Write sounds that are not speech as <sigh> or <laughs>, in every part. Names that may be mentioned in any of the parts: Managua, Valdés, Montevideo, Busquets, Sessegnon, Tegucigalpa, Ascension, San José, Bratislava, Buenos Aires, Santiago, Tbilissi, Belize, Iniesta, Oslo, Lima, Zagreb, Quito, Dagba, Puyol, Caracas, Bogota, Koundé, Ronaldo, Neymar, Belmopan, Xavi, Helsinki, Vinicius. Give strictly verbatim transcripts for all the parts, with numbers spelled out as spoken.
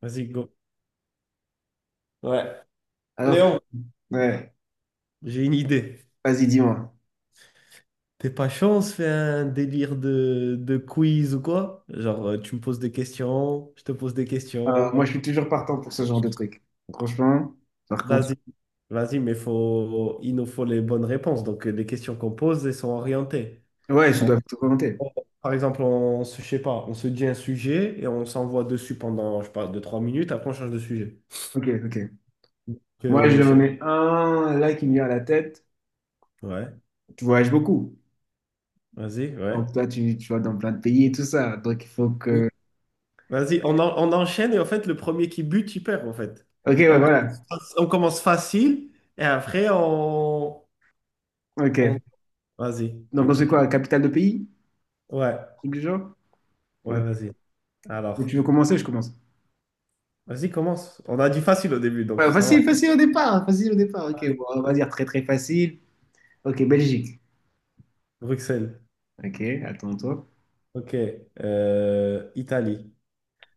Vas-y, go. Ouais. Alors, Léon, ouais, j'ai une idée. vas-y, dis-moi. T'es pas chaud, on se fait un délire de, de quiz ou quoi? Genre, euh, tu me poses des questions, je te pose des Euh, questions. moi, je suis toujours partant pour ce genre de truc. Franchement, par contre, Vas-y, vas-y, mais faut, il nous faut les bonnes réponses. Donc, euh, les questions qu'on pose, elles sont orientées. ouais, je On- dois te volonté. on- Par exemple, on se, je sais pas, on se dit un sujet et on s'envoie dessus pendant, je sais pas, deux, trois minutes. Après, on change de sujet. Ok, ok. Donc, Moi, euh, je je sais pas. mets un là qui me vient à la tête. Ouais, Tu voyages beaucoup. vas-y, ouais. Donc, toi, tu, tu vas dans plein de pays et tout ça. Donc, il faut que. Vas-y, on, en- on enchaîne et en fait, le premier qui bute, il perd en fait. Ok, ouais, On voilà. commence, fac- on commence facile et après, on... Ok. on... Vas-y, Donc, on ok. sait quoi? Capitale de pays? Ouais, Truc du genre? ouais, Ok. vas-y. Et Alors, tu veux commencer? Je commence. vas-y, commence. On a dit facile au début, donc Ouais, ça va. facile, facile au départ. Facile au départ. Ok, Allez, bon, on va dire très, très facile. Ok, Belgique. Bruxelles, Ok, attends-toi. ok. Euh, Italie,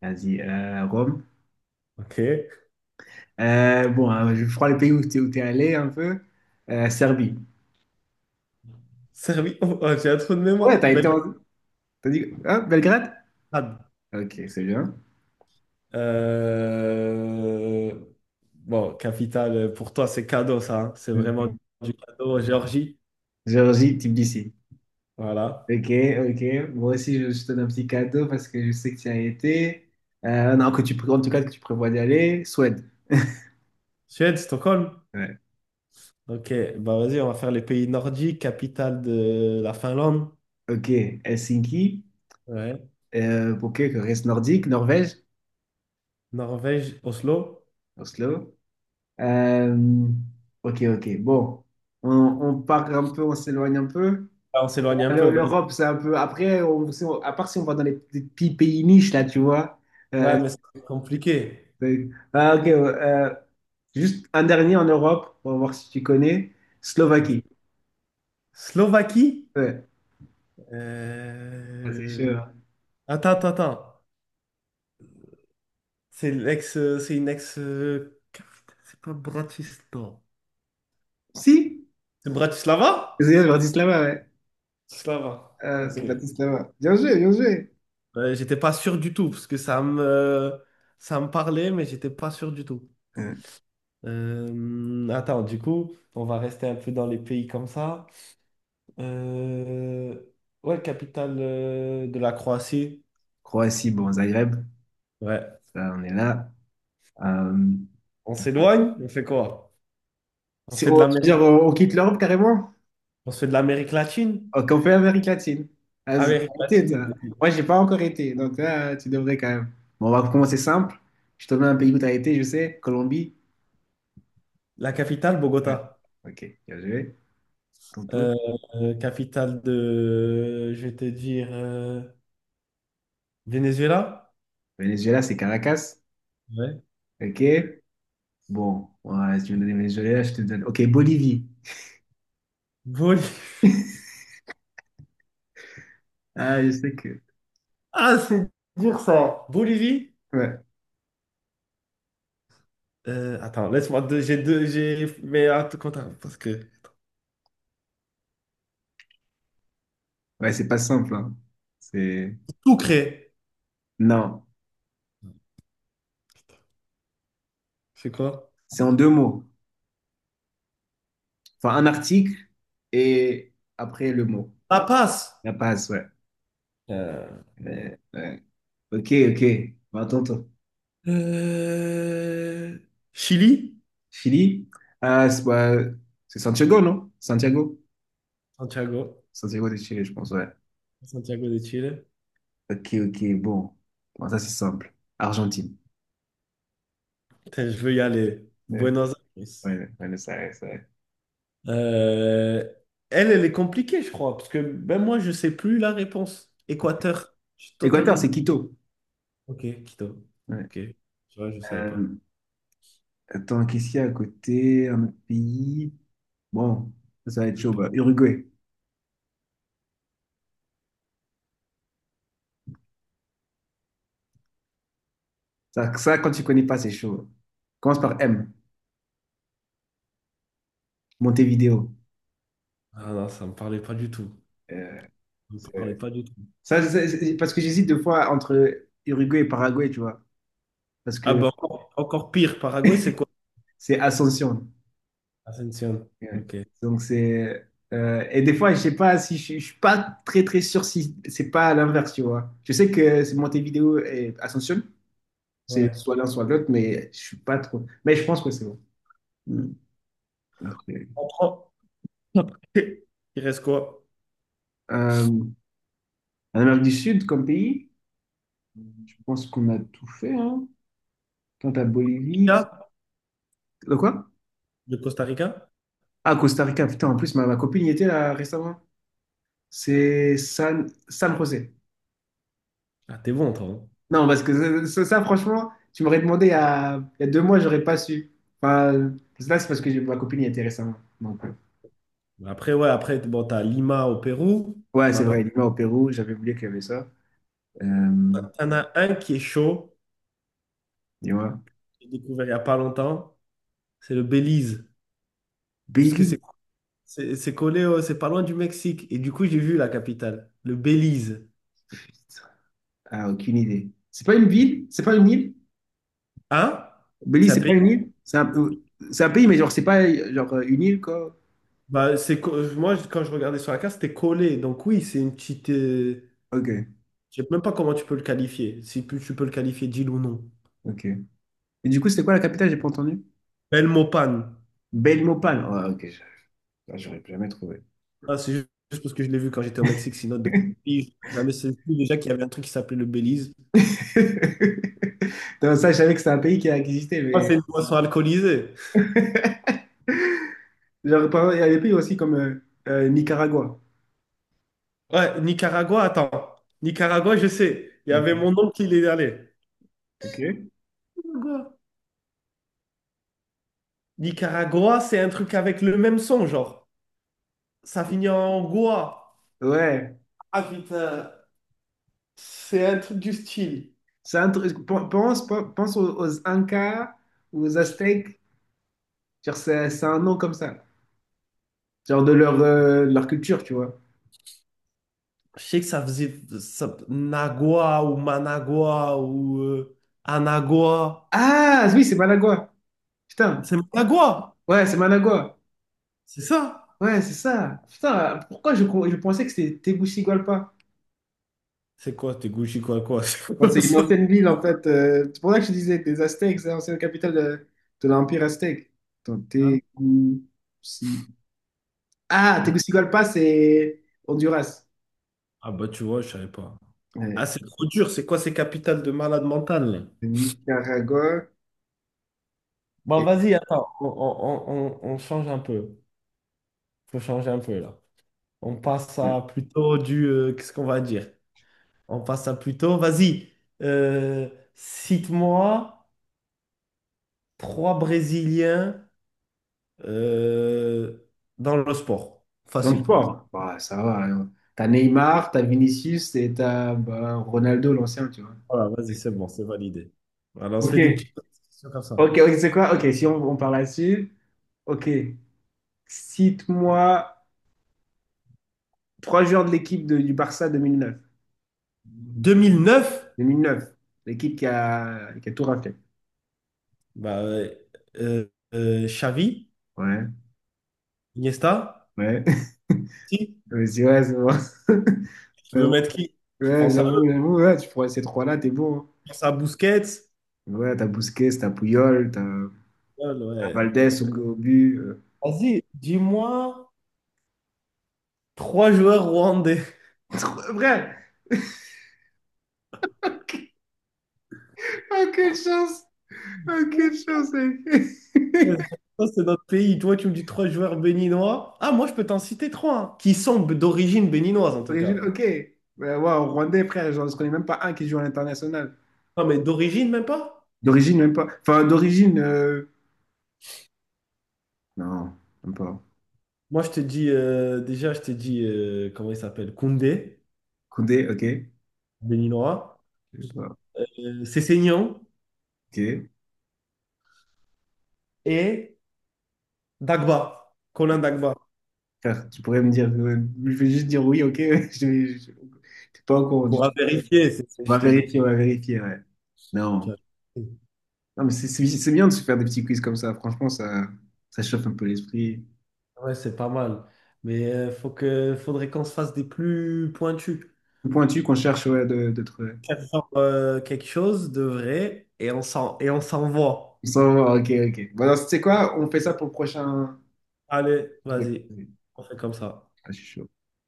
Vas-y, euh, Rome. ok. Euh, bon, hein, je crois le pays où tu es, allé un peu. Euh, Serbie. Serbie, <laughs> oh, oh, j'ai un trou de Ouais, mémoire. t'as été en... T'as dit... Hein, Belgrade? Belgrade. Ok, c'est bien. Euh, Bon, capitale, pour toi, c'est cadeau ça, hein. C'est vraiment Ok. du cadeau. Géorgie, Géorgie, Tbilissi. voilà. Ok, ok. Moi aussi, je, je te donne un petit cadeau parce que je sais que tu y as été. Euh, non, que tu, pré- en tout cas, que tu prévois d'y aller. Suède. Suède, Stockholm? Ouais. Ok, bah vas-y, on va faire les pays nordiques, capitale de la Finlande. Ok, Helsinki. Ouais. Euh, ok, que reste nordique, Norvège, Norvège, Oslo. Oslo. Euh, ok, ok. Bon, on, on part un peu, on s'éloigne un peu. Ah, on s'éloigne un peu, Le- vas-y. L'Europe, c'est un peu. Après, on- si on- à part si on va dans les petits petits pays niches, là, tu vois. Euh, Ouais, mais c'est compliqué. c'est- ah, ok, ouais, euh, juste un dernier en Europe, on va voir si tu connais. Vas-y. Slovaquie. Slovaquie? Ouais, ah, c'est Euh, sûr. Attends, attends, attends. C'est l'ex, euh, c'est une ex, euh, capitale, c'est pas Bratislava. Si, C'est Bratislava? c'est Bratislava, ouais. Bratislava. Euh, c'est Ok. Bratislava. Bien joué, bien joué. Euh, j'étais pas sûr du tout parce que ça me, ça me parlait, mais j'étais pas sûr du tout. Euh, Euh, attends, du coup, on va rester un peu dans les pays comme ça. Euh, ouais, capitale euh, de la Croatie. Croatie, bon, Zagreb, Ouais. là, on est là. Euh, On s'éloigne? On fait quoi? On si fait on, de tu veux l'Amérique, dire, on on quitte l'Europe carrément? on se fait de l'Amérique latine? Oh, qu'on fait Amérique latine. Vas-y, Amérique t'as été, latine, toi. vas-y. Moi, j'ai pas encore été, donc là, tu devrais quand même. Bon, on va commencer simple. Je te donne un pays où t'as été, je sais. Colombie. La capitale, Ouais. Bogota. Ok, bien joué. Tonto. Euh, euh, capitale de, je vais te dire, euh, Venezuela? Venezuela, c'est Caracas. Ouais. Ok. Bon, ouais, si tu me donnes Venezuela, je te donne. Ok, Bolivie. Bolivie. <laughs> Ah, je sais que. Ah, c'est dur ça. Bolivie? Ouais. Euh, attends, laisse-moi deux, j'ai deux, j'ai, mais attends, parce que Ouais, c'est pas simple, hein. C'est. tout... Non. C'est quoi? C'est en deux mots. Enfin, un article et après le mot. La passe. La passe, ouais. Euh, Ouais, ouais. Ok, ok. Bah, attends, Euh, Chili? Chili, ah, c'est bah, c'est Santiago, non? Santiago? Santiago. Santiago de Chili, je pense, ouais. Santiago de Chile. Ok, ok, bon. Bon, ça, c'est simple. Argentine. Putain, je veux y aller. Ouais, Buenos Aires. ouais, ouais, ça, ouais, ça, ouais. Euh, elle, elle est compliquée, je crois, parce que même moi, je sais plus la réponse. Équateur. Je suis Équateur, totalement... c'est Quito. Ok, Quito. Ouais. Ok. Tu vois, je savais pas. Euh, attends, qu'est-ce qu'il y a à côté? Un autre pays? Bon, ça, ça va être chaud. Bah, Uruguay. Ça, ça, quand tu connais pas, c'est chaud. Commence par M. Montevideo. Ah non, ça me parlait pas du tout. Euh, Ça me parlait c'est- pas du tout. ça, c'est- c'est- parce que j'hésite deux fois entre Uruguay et Paraguay, tu vois. Parce Ah que bah encore, encore pire, Paraguay, c'est quoi? c'est Ascension. Ascension. Ouais. Ok. Donc c'est euh, et des fois je sais pas si je, je suis pas très très sûr si c'est pas à l'inverse tu vois. Je sais que c'est Montevideo et Ascension, c'est soit Ouais. l'un soit l'autre mais je suis pas trop. Mais je pense que c'est bon. Mm. Après, On prend. <laughs> Il reste quoi? euh, en Amérique du Sud comme pays, je pense qu'on a tout fait hein. Quant à Bolivie, Rica, le quoi? de Costa Rica? Ah Costa Rica putain en plus ma, ma copine y était là récemment. C'est San San José. Ah, t'es bon, toi, hein. Non, parce que ça, ça- ça, franchement, tu m'aurais demandé il y a, il y a deux mois, j'aurais pas su. Enfin, là, c'est parce que j'ai- ma copine y était récemment. Donc, euh, Après, ouais, après, bon, t'as Lima au Pérou, ouais, qu'on n'a c'est pas. vrai, Lima au Pérou, j'avais oublié qu'il y avait ça. Euh, T'en as un qui est chaud, tu vois. que j'ai découvert il n'y a pas longtemps, c'est le Belize. Parce que Belize, c'est c'est c'est collé, au- c'est pas loin du Mexique. Et du coup, j'ai vu la capitale, le Belize. putain. Ah, aucune idée. C'est pas une ville? C'est pas une île? Hein? C'est Belize, un c'est pays. pas une île? C'est un, peu- c'est un pays, mais genre, c'est pas euh, genre euh, une île, quoi. Bah, c'est, co- euh, moi, quand je regardais sur la carte, c'était collé. Donc oui, c'est une petite, euh... Ok, Je sais même pas comment tu peux le qualifier, si tu tu peux le qualifier d'île ou non. ok. Et du coup, c'était quoi la capitale? J'ai pas entendu. Belle Mopane. Belmopan. Ouais, ok, je- ah, j'aurais jamais trouvé. Ah, c'est ju- juste parce que je l'ai vu quand j'étais au Mexique, sinon de... J'avais jamais saisi déjà qu'il y avait un truc qui s'appelait le Belize. <laughs> Non, ça, je savais que c'était un pays qui a existé, Ah, mais. c'est une boisson alcoolisée. <laughs> Genre, par exemple, il y a des pays aussi comme euh, euh, Nicaragua. Ouais, Nicaragua, attends. Nicaragua, je sais. Il y avait mon Ok. oncle qui y est allé. Ok. Nicaragua, Nicaragua, c'est un truc avec le même son, genre. Ça finit en goa. Ouais. Ah putain, c'est un truc du style. C'est un truc- pen- Pense, pense aux, aux Incas, aux Aztèques. Genre, c'est c'est un nom comme ça. Genre de leur, euh, leur culture, tu vois. Je sais que ça faisait ça- Nagua ou Managua ou euh, Anagua. Ah, oui, c'est Managua. Putain. C'est Managua, Ouais, c'est Managua. c'est ça? Ouais, c'est ça. Putain, pourquoi je, je pensais que c'était Tegucigalpa? C'est quoi? T'es Gucci quoi quoi? <laughs> C'est Ouais, quoi c'est une ça? ancienne ville, en fait. Euh, c'est pour ça que je disais, des Aztèques, c'est l'ancienne capitale de, de l'Empire aztèque. Attends, Ah non. Teguci- ah, Tegucigalpa, c'est Honduras. Ah bah tu vois, je savais pas. Ah Ouais. c'est trop dur, c'est quoi ces capitales de malade mental là? Nicaragua. Bon, Et... vas-y, attends, on, on- on- on- on change un peu. Faut changer un peu là. On passe à plutôt du, euh, qu'est-ce qu'on va dire? On passe à plutôt... Vas-y, euh, cite-moi trois Brésiliens euh, dans le sport. Dans le Facile pour l'instant. sport, bah, ça va. Alors, t'as Neymar, t'as Vinicius et t'as bah, Ronaldo, l'ancien, tu vois. Voilà, vas-y, c'est bon, c'est validé. Voilà, on se Ok. fait des petites questions comme ça. Ok, ok, c'est quoi? Ok, si on, on parle là-dessus. Ok. Cite-moi trois joueurs de l'équipe de- du Barça deux mille neuf. deux mille neuf? Deux mille neuf, l'équipe qui a, qui a tout raflé. Bah, euh, euh, euh, Xavi, Ouais, Iniesta, ouais. <laughs> si, Je me suis dit, ouais, c'est bon. <laughs> tu Mais veux bon, mettre qui? Tu ouais, penses à eux, j'avoue, j'avoue, ouais, tu prends ces trois-là, t'es bon. tu penses à Busquets. Hein. Ouais, t'as Busquets, t'as Puyol, t'as Ouais, t'as ouais. Valdés au, au but. euh. Vas-y, dis-moi trois joueurs rwandais. <laughs> Vrai! Aucune chance! Aucune chance, Ouais, mec! ça, c'est notre pays. Toi, tu me dis trois joueurs béninois. Ah, moi, je peux t'en citer trois, hein, qui sont b- d'origine béninoise, en <laughs> tout D'origine, cas. ok. Ouais, ouais, en Rwandais, frère, genre, je connais même pas un qui joue à l'international. Non, mais d'origine, même pas. D'origine, même pas. Enfin, d'origine. euh, Non, même pas. Moi, je te dis, euh, déjà, je te dis, euh, comment il s'appelle? Koundé, Koundé, ok. béninois. Je sais pas. Euh, Sessegnon Ok. et Dagba, Colin Dagba. Frère, tu pourrais me dire, euh, je vais juste dire oui, ok, <laughs> je, vais- je- t'es pas au On courant du tout. pourra vérifier, c'est- c'est- On je va te dis. vérifier, on va vérifier, ouais. Non, non, mais c'est c'est- c'est bien de se faire des petits quiz comme ça. Franchement, ça, ça chauffe un peu l'esprit. Ouais, c'est pas mal. Mais euh, faut que, faudrait qu'on se fasse des plus pointus. Plus pointu qu'on cherche, ouais, de- de Faire genre, euh, quelque chose de vrai et on s'en, et on s'envoie. on s'en va, ok, ok. Bon, alors, tu sais quoi? On fait ça pour le prochain Allez, truc. vas-y. On fait comme ça. Ah, je suis chaud.